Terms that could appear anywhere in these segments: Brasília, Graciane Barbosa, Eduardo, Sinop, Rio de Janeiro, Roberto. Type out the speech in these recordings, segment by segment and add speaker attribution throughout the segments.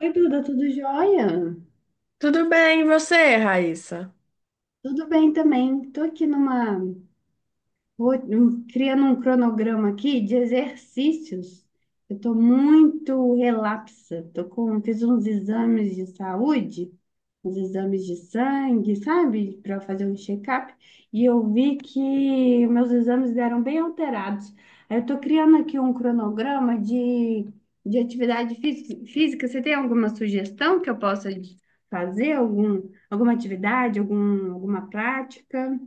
Speaker 1: Oi, Duda, tudo jóia?
Speaker 2: Tudo bem, e você, Raíssa?
Speaker 1: Tudo bem também. Tô aqui numa Vou criando um cronograma aqui de exercícios. Eu estou muito relapsa. Fiz uns exames de saúde, uns exames de sangue, sabe? Para fazer um check-up. E eu vi que meus exames deram bem alterados. Aí eu estou criando aqui um cronograma de atividade física. Você tem alguma sugestão que eu possa fazer? Alguma atividade, alguma prática?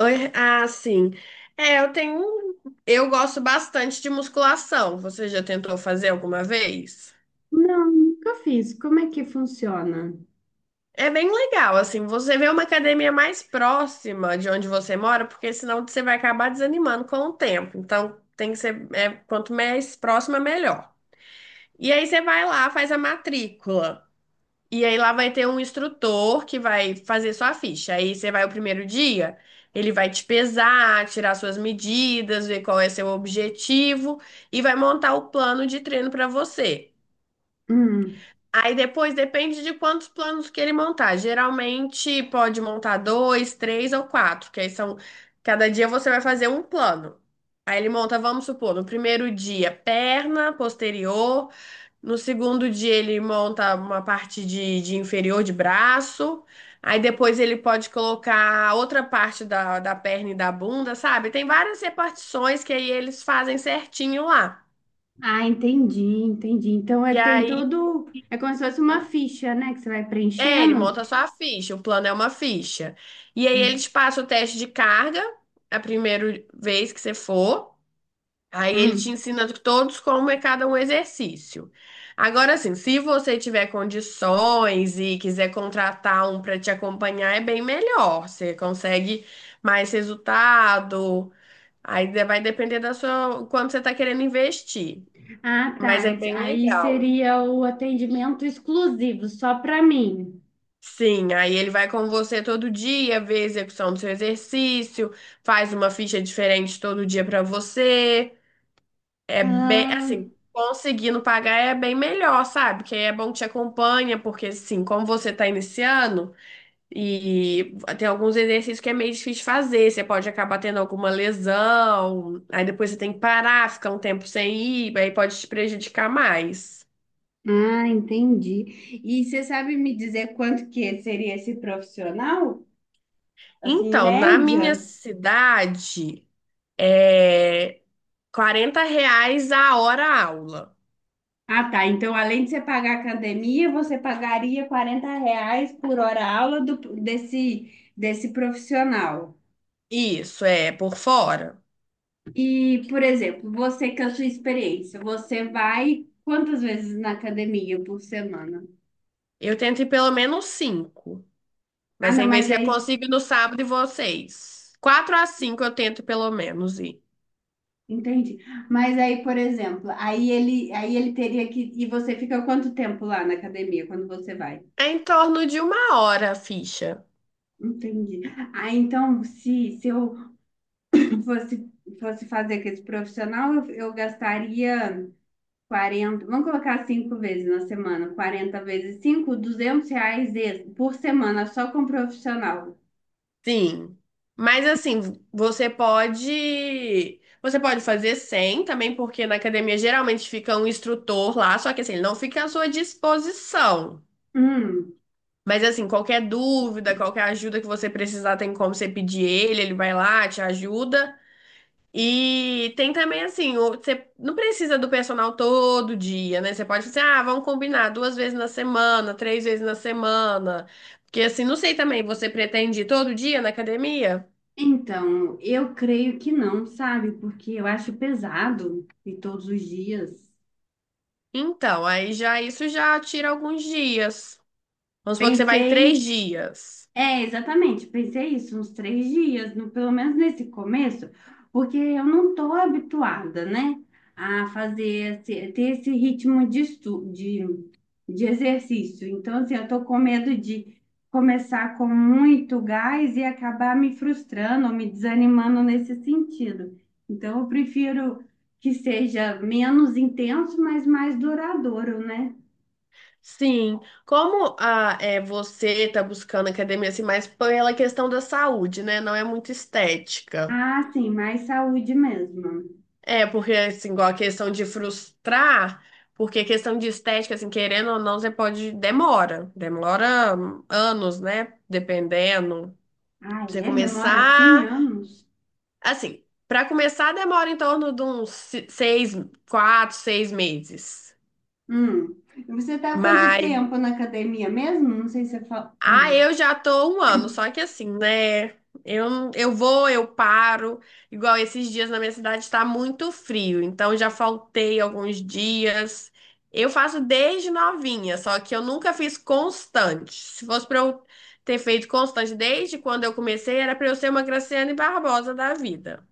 Speaker 2: Oi, ah, sim. É, eu tenho. Eu gosto bastante de musculação. Você já tentou fazer alguma vez?
Speaker 1: Não, nunca fiz. Como é que funciona?
Speaker 2: É bem legal, assim, você vê uma academia mais próxima de onde você mora, porque senão você vai acabar desanimando com o tempo. Então, tem que ser, é, quanto mais próxima, melhor. E aí você vai lá, faz a matrícula. E aí lá vai ter um instrutor que vai fazer sua ficha. Aí você vai o primeiro dia, ele vai te pesar, tirar suas medidas, ver qual é seu objetivo e vai montar o plano de treino para você.
Speaker 1: Hum.
Speaker 2: Aí depois depende de quantos planos que ele montar. Geralmente pode montar dois, três ou quatro, que aí são. Cada dia você vai fazer um plano. Aí ele monta, vamos supor, no primeiro dia, perna posterior. No segundo dia, ele monta uma parte de inferior de braço. Aí depois ele pode colocar outra parte da perna e da bunda, sabe? Tem várias repartições que aí eles fazem certinho lá.
Speaker 1: Ah, entendi, entendi. Então é,
Speaker 2: E
Speaker 1: tem
Speaker 2: aí.
Speaker 1: todo. É como se fosse uma ficha, né? Que você vai
Speaker 2: É, ele
Speaker 1: preenchendo.
Speaker 2: monta só a ficha, o plano é uma ficha. E aí ele te passa o teste de carga a primeira vez que você for. Aí ele te
Speaker 1: Hum.
Speaker 2: ensina todos como é cada um exercício. Agora, assim, se você tiver condições e quiser contratar um para te acompanhar, é bem melhor. Você consegue mais resultado. Aí vai depender da sua, quanto você está querendo investir.
Speaker 1: Ah,
Speaker 2: Mas
Speaker 1: tá.
Speaker 2: é bem
Speaker 1: Aí
Speaker 2: legal.
Speaker 1: seria o atendimento exclusivo, só para mim.
Speaker 2: Sim, aí ele vai com você todo dia, vê a execução do seu exercício, faz uma ficha diferente todo dia pra você. É bem,
Speaker 1: Ah,
Speaker 2: assim, conseguindo pagar é bem melhor, sabe? Que aí é bom que te acompanha, porque assim, como você tá iniciando e tem alguns exercícios que é meio difícil de fazer, você pode acabar tendo alguma lesão, aí depois você tem que parar, ficar um tempo sem ir, aí pode te prejudicar mais.
Speaker 1: ah, entendi. E você sabe me dizer quanto que seria esse profissional? Assim, em
Speaker 2: Então, na minha
Speaker 1: média?
Speaker 2: cidade, é R$ 40 a hora aula.
Speaker 1: Ah, tá. Então, além de você pagar a academia, você pagaria 40 reais por hora aula desse, desse profissional.
Speaker 2: Isso, é, por fora.
Speaker 1: E, por exemplo, você com a sua experiência, você vai quantas vezes na academia por semana?
Speaker 2: Eu tento ir pelo menos cinco.
Speaker 1: Ah,
Speaker 2: Mas
Speaker 1: não,
Speaker 2: tem vezes
Speaker 1: mas
Speaker 2: que eu
Speaker 1: aí,
Speaker 2: consigo ir no sábado e vocês. Quatro a cinco eu tento pelo menos ir.
Speaker 1: entendi. Mas aí, por exemplo, aí ele teria que. E você fica quanto tempo lá na academia quando você vai?
Speaker 2: É em torno de uma hora a ficha.
Speaker 1: Entendi. Ah, então, se eu fosse, fosse fazer com esse profissional, eu gastaria. 40, vamos colocar 5 vezes na semana, 40 vezes 5, 200 reais por semana só com profissional.
Speaker 2: Sim. Mas assim, você pode. Você pode fazer sem também, porque na academia geralmente fica um instrutor lá, só que assim, ele não fica à sua disposição.
Speaker 1: Hum,
Speaker 2: Mas assim, qualquer dúvida, qualquer ajuda que você precisar, tem como você pedir ele, ele vai lá, te ajuda. E tem também assim, você não precisa do personal todo dia, né? Você pode fazer, ah, vamos combinar duas vezes na semana, três vezes na semana. Porque assim, não sei também, você pretende ir todo dia na academia?
Speaker 1: então, eu creio que não, sabe? Porque eu acho pesado e todos os dias.
Speaker 2: Então, aí já isso já tira alguns dias. Vamos supor que você vai
Speaker 1: Pensei.
Speaker 2: três dias.
Speaker 1: É, exatamente, pensei isso, uns 3 dias, pelo menos nesse começo, porque eu não estou habituada, né, a fazer, ter esse ritmo de exercício. Então, assim, eu estou com medo de começar com muito gás e acabar me frustrando ou me desanimando nesse sentido. Então, eu prefiro que seja menos intenso, mas mais duradouro, né?
Speaker 2: Sim, como a, é, você está buscando academia assim, mais pela questão da saúde, né? Não é muito estética.
Speaker 1: Ah, sim, mais saúde mesmo.
Speaker 2: É, porque assim, igual a questão de frustrar, porque a questão de estética, assim, querendo ou não, você pode, demora, demora, anos, né? Dependendo.
Speaker 1: Ah,
Speaker 2: Pra você
Speaker 1: é? Demora assim
Speaker 2: começar,
Speaker 1: anos?
Speaker 2: assim, para começar demora em torno de uns seis, quatro, 6 meses.
Speaker 1: Hum. E você está há quanto
Speaker 2: Mas
Speaker 1: tempo na academia mesmo? Não sei se você fala.
Speaker 2: ah,
Speaker 1: Hum.
Speaker 2: eu já tô um ano, só que assim, né? Eu, eu vou, eu paro. Igual esses dias na minha cidade está muito frio, então já faltei alguns dias. Eu faço desde novinha, só que eu nunca fiz constante. Se fosse pra eu ter feito constante desde quando eu comecei, era pra eu ser uma Graciane Barbosa da vida.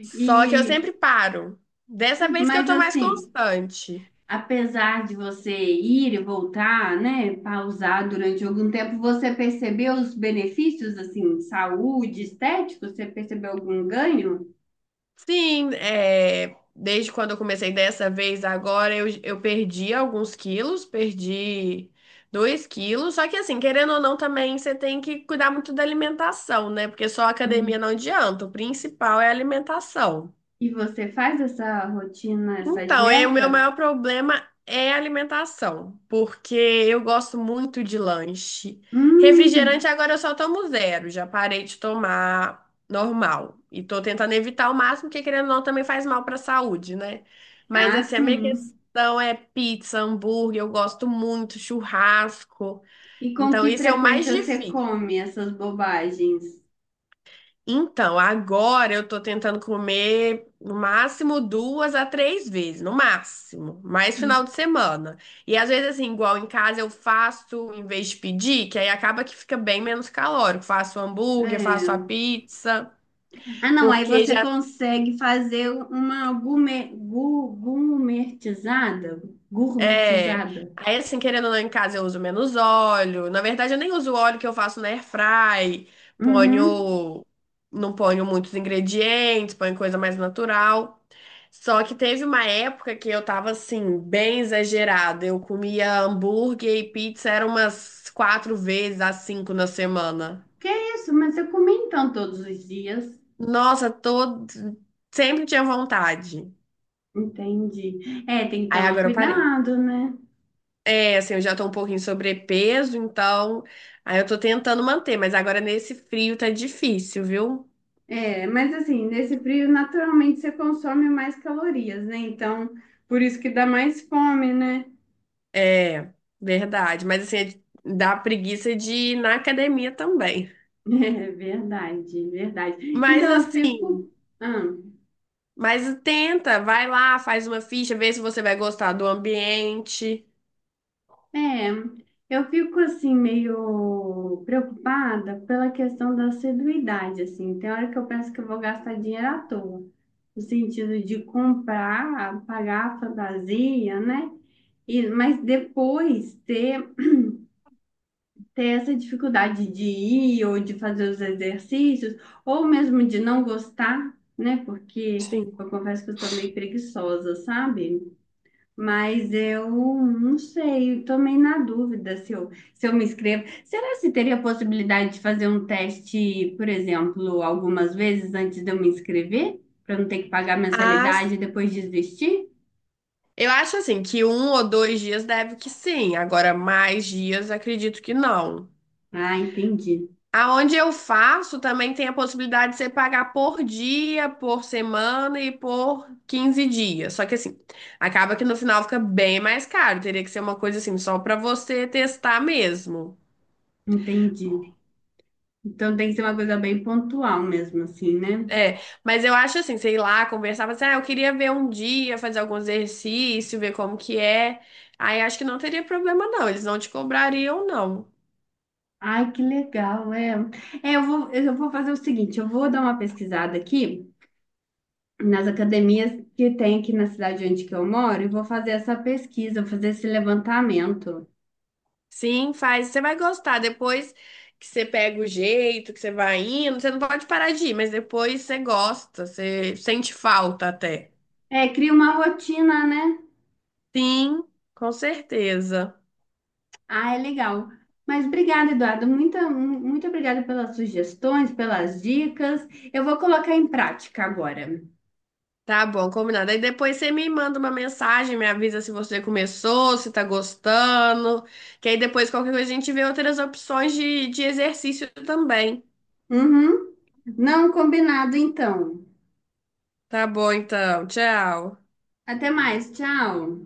Speaker 2: Só que eu sempre paro. Dessa vez que eu
Speaker 1: mas
Speaker 2: tô mais
Speaker 1: assim,
Speaker 2: constante.
Speaker 1: apesar de você ir e voltar, né, pausar durante algum tempo, você percebeu os benefícios, assim, saúde, estético? Você percebeu algum ganho?
Speaker 2: Sim, é, desde quando eu comecei dessa vez, agora eu perdi alguns quilos, perdi 2 quilos. Só que assim, querendo ou não, também você tem que cuidar muito da alimentação, né? Porque só a academia
Speaker 1: Hum.
Speaker 2: não adianta, o principal é a alimentação.
Speaker 1: E você faz essa rotina, essa
Speaker 2: Então, é, o meu
Speaker 1: dieta?
Speaker 2: maior problema é a alimentação, porque eu gosto muito de lanche.
Speaker 1: Hum.
Speaker 2: Refrigerante agora eu só tomo zero, já parei de tomar normal. E tô tentando evitar o máximo, porque querendo ou não também faz mal para a saúde, né? Mas
Speaker 1: Ah,
Speaker 2: assim, a minha
Speaker 1: sim.
Speaker 2: questão é pizza, hambúrguer, eu gosto muito, churrasco.
Speaker 1: E com
Speaker 2: Então,
Speaker 1: que
Speaker 2: isso é o mais
Speaker 1: frequência você
Speaker 2: difícil.
Speaker 1: come essas bobagens?
Speaker 2: Então, agora eu tô tentando comer no máximo duas a três vezes, no máximo, mais final de semana. E às vezes, assim, igual em casa eu faço em vez de pedir, que aí acaba que fica bem menos calórico. Faço hambúrguer, faço a
Speaker 1: É.
Speaker 2: pizza,
Speaker 1: Ah, não, aí
Speaker 2: porque
Speaker 1: você
Speaker 2: já
Speaker 1: consegue fazer uma gourmetizada.
Speaker 2: é.
Speaker 1: Gourmetizada.
Speaker 2: Aí, assim, querendo ou não, em casa eu uso menos óleo. Na verdade, eu nem uso o óleo que eu faço na airfry.
Speaker 1: Uhum.
Speaker 2: Ponho. Não ponho muitos ingredientes, ponho coisa mais natural. Só que teve uma época que eu tava, assim, bem exagerada. Eu comia hambúrguer e pizza, era umas quatro vezes a cinco na semana.
Speaker 1: Que isso, mas eu comi então todos os dias.
Speaker 2: Nossa, sempre tinha vontade.
Speaker 1: Entendi. É, tem que
Speaker 2: Aí
Speaker 1: tomar
Speaker 2: agora eu parei.
Speaker 1: cuidado, né?
Speaker 2: É, assim, eu já tô um pouquinho sobrepeso, então aí eu tô tentando manter, mas agora nesse frio tá difícil, viu?
Speaker 1: É, mas assim, nesse frio, naturalmente você consome mais calorias, né? Então, por isso que dá mais fome, né?
Speaker 2: É, verdade. Mas assim, dá preguiça de ir na academia também.
Speaker 1: É verdade, verdade.
Speaker 2: Mas
Speaker 1: Então, eu
Speaker 2: assim,
Speaker 1: fico. Ah.
Speaker 2: mas tenta, vai lá, faz uma ficha, vê se você vai gostar do ambiente.
Speaker 1: É, eu fico assim meio preocupada pela questão da assiduidade, assim. Tem hora que eu penso que eu vou gastar dinheiro à toa, no sentido de comprar, pagar a fantasia, né? Mas depois ter, essa dificuldade de ir ou de fazer os exercícios, ou mesmo de não gostar, né? Porque
Speaker 2: Sim.
Speaker 1: eu confesso que eu sou meio preguiçosa, sabe? Mas eu não sei, estou meio na dúvida se eu me inscrevo. Será se teria a possibilidade de fazer um teste, por exemplo, algumas vezes antes de eu me inscrever, para não ter que pagar
Speaker 2: As,
Speaker 1: mensalidade e depois desistir?
Speaker 2: eu acho assim que um ou dois dias deve que sim, agora mais dias acredito que não.
Speaker 1: Ah, entendi,
Speaker 2: Aonde eu faço também tem a possibilidade de você pagar por dia, por semana e por 15 dias. Só que assim, acaba que no final fica bem mais caro. Teria que ser uma coisa assim, só para você testar mesmo.
Speaker 1: entendi. Então tem que ser uma coisa bem pontual mesmo, assim, né?
Speaker 2: É, mas eu acho assim, sei lá, conversar, falar assim, ah, eu queria ver um dia, fazer algum exercício, ver como que é. Aí acho que não teria problema não, eles não te cobrariam não.
Speaker 1: Ai, que legal, é. É, eu vou fazer o seguinte, eu vou dar uma pesquisada aqui nas academias que tem aqui na cidade onde que eu moro e vou fazer essa pesquisa, vou fazer esse levantamento.
Speaker 2: Sim, faz. Você vai gostar. Depois que você pega o jeito, que você vai indo, você não pode parar de ir, mas depois você gosta, você sente falta até.
Speaker 1: É, cria uma rotina, né?
Speaker 2: Sim, com certeza.
Speaker 1: Ah, é legal. Mas obrigada, Eduardo. Muito, muito obrigada pelas sugestões, pelas dicas. Eu vou colocar em prática agora.
Speaker 2: Tá bom, combinado. Aí depois você me manda uma mensagem, me avisa se você começou, se tá gostando. Que aí depois qualquer coisa a gente vê outras opções de exercício também.
Speaker 1: Uhum. Não, combinado, então.
Speaker 2: Tá bom, então. Tchau.
Speaker 1: Até mais. Tchau.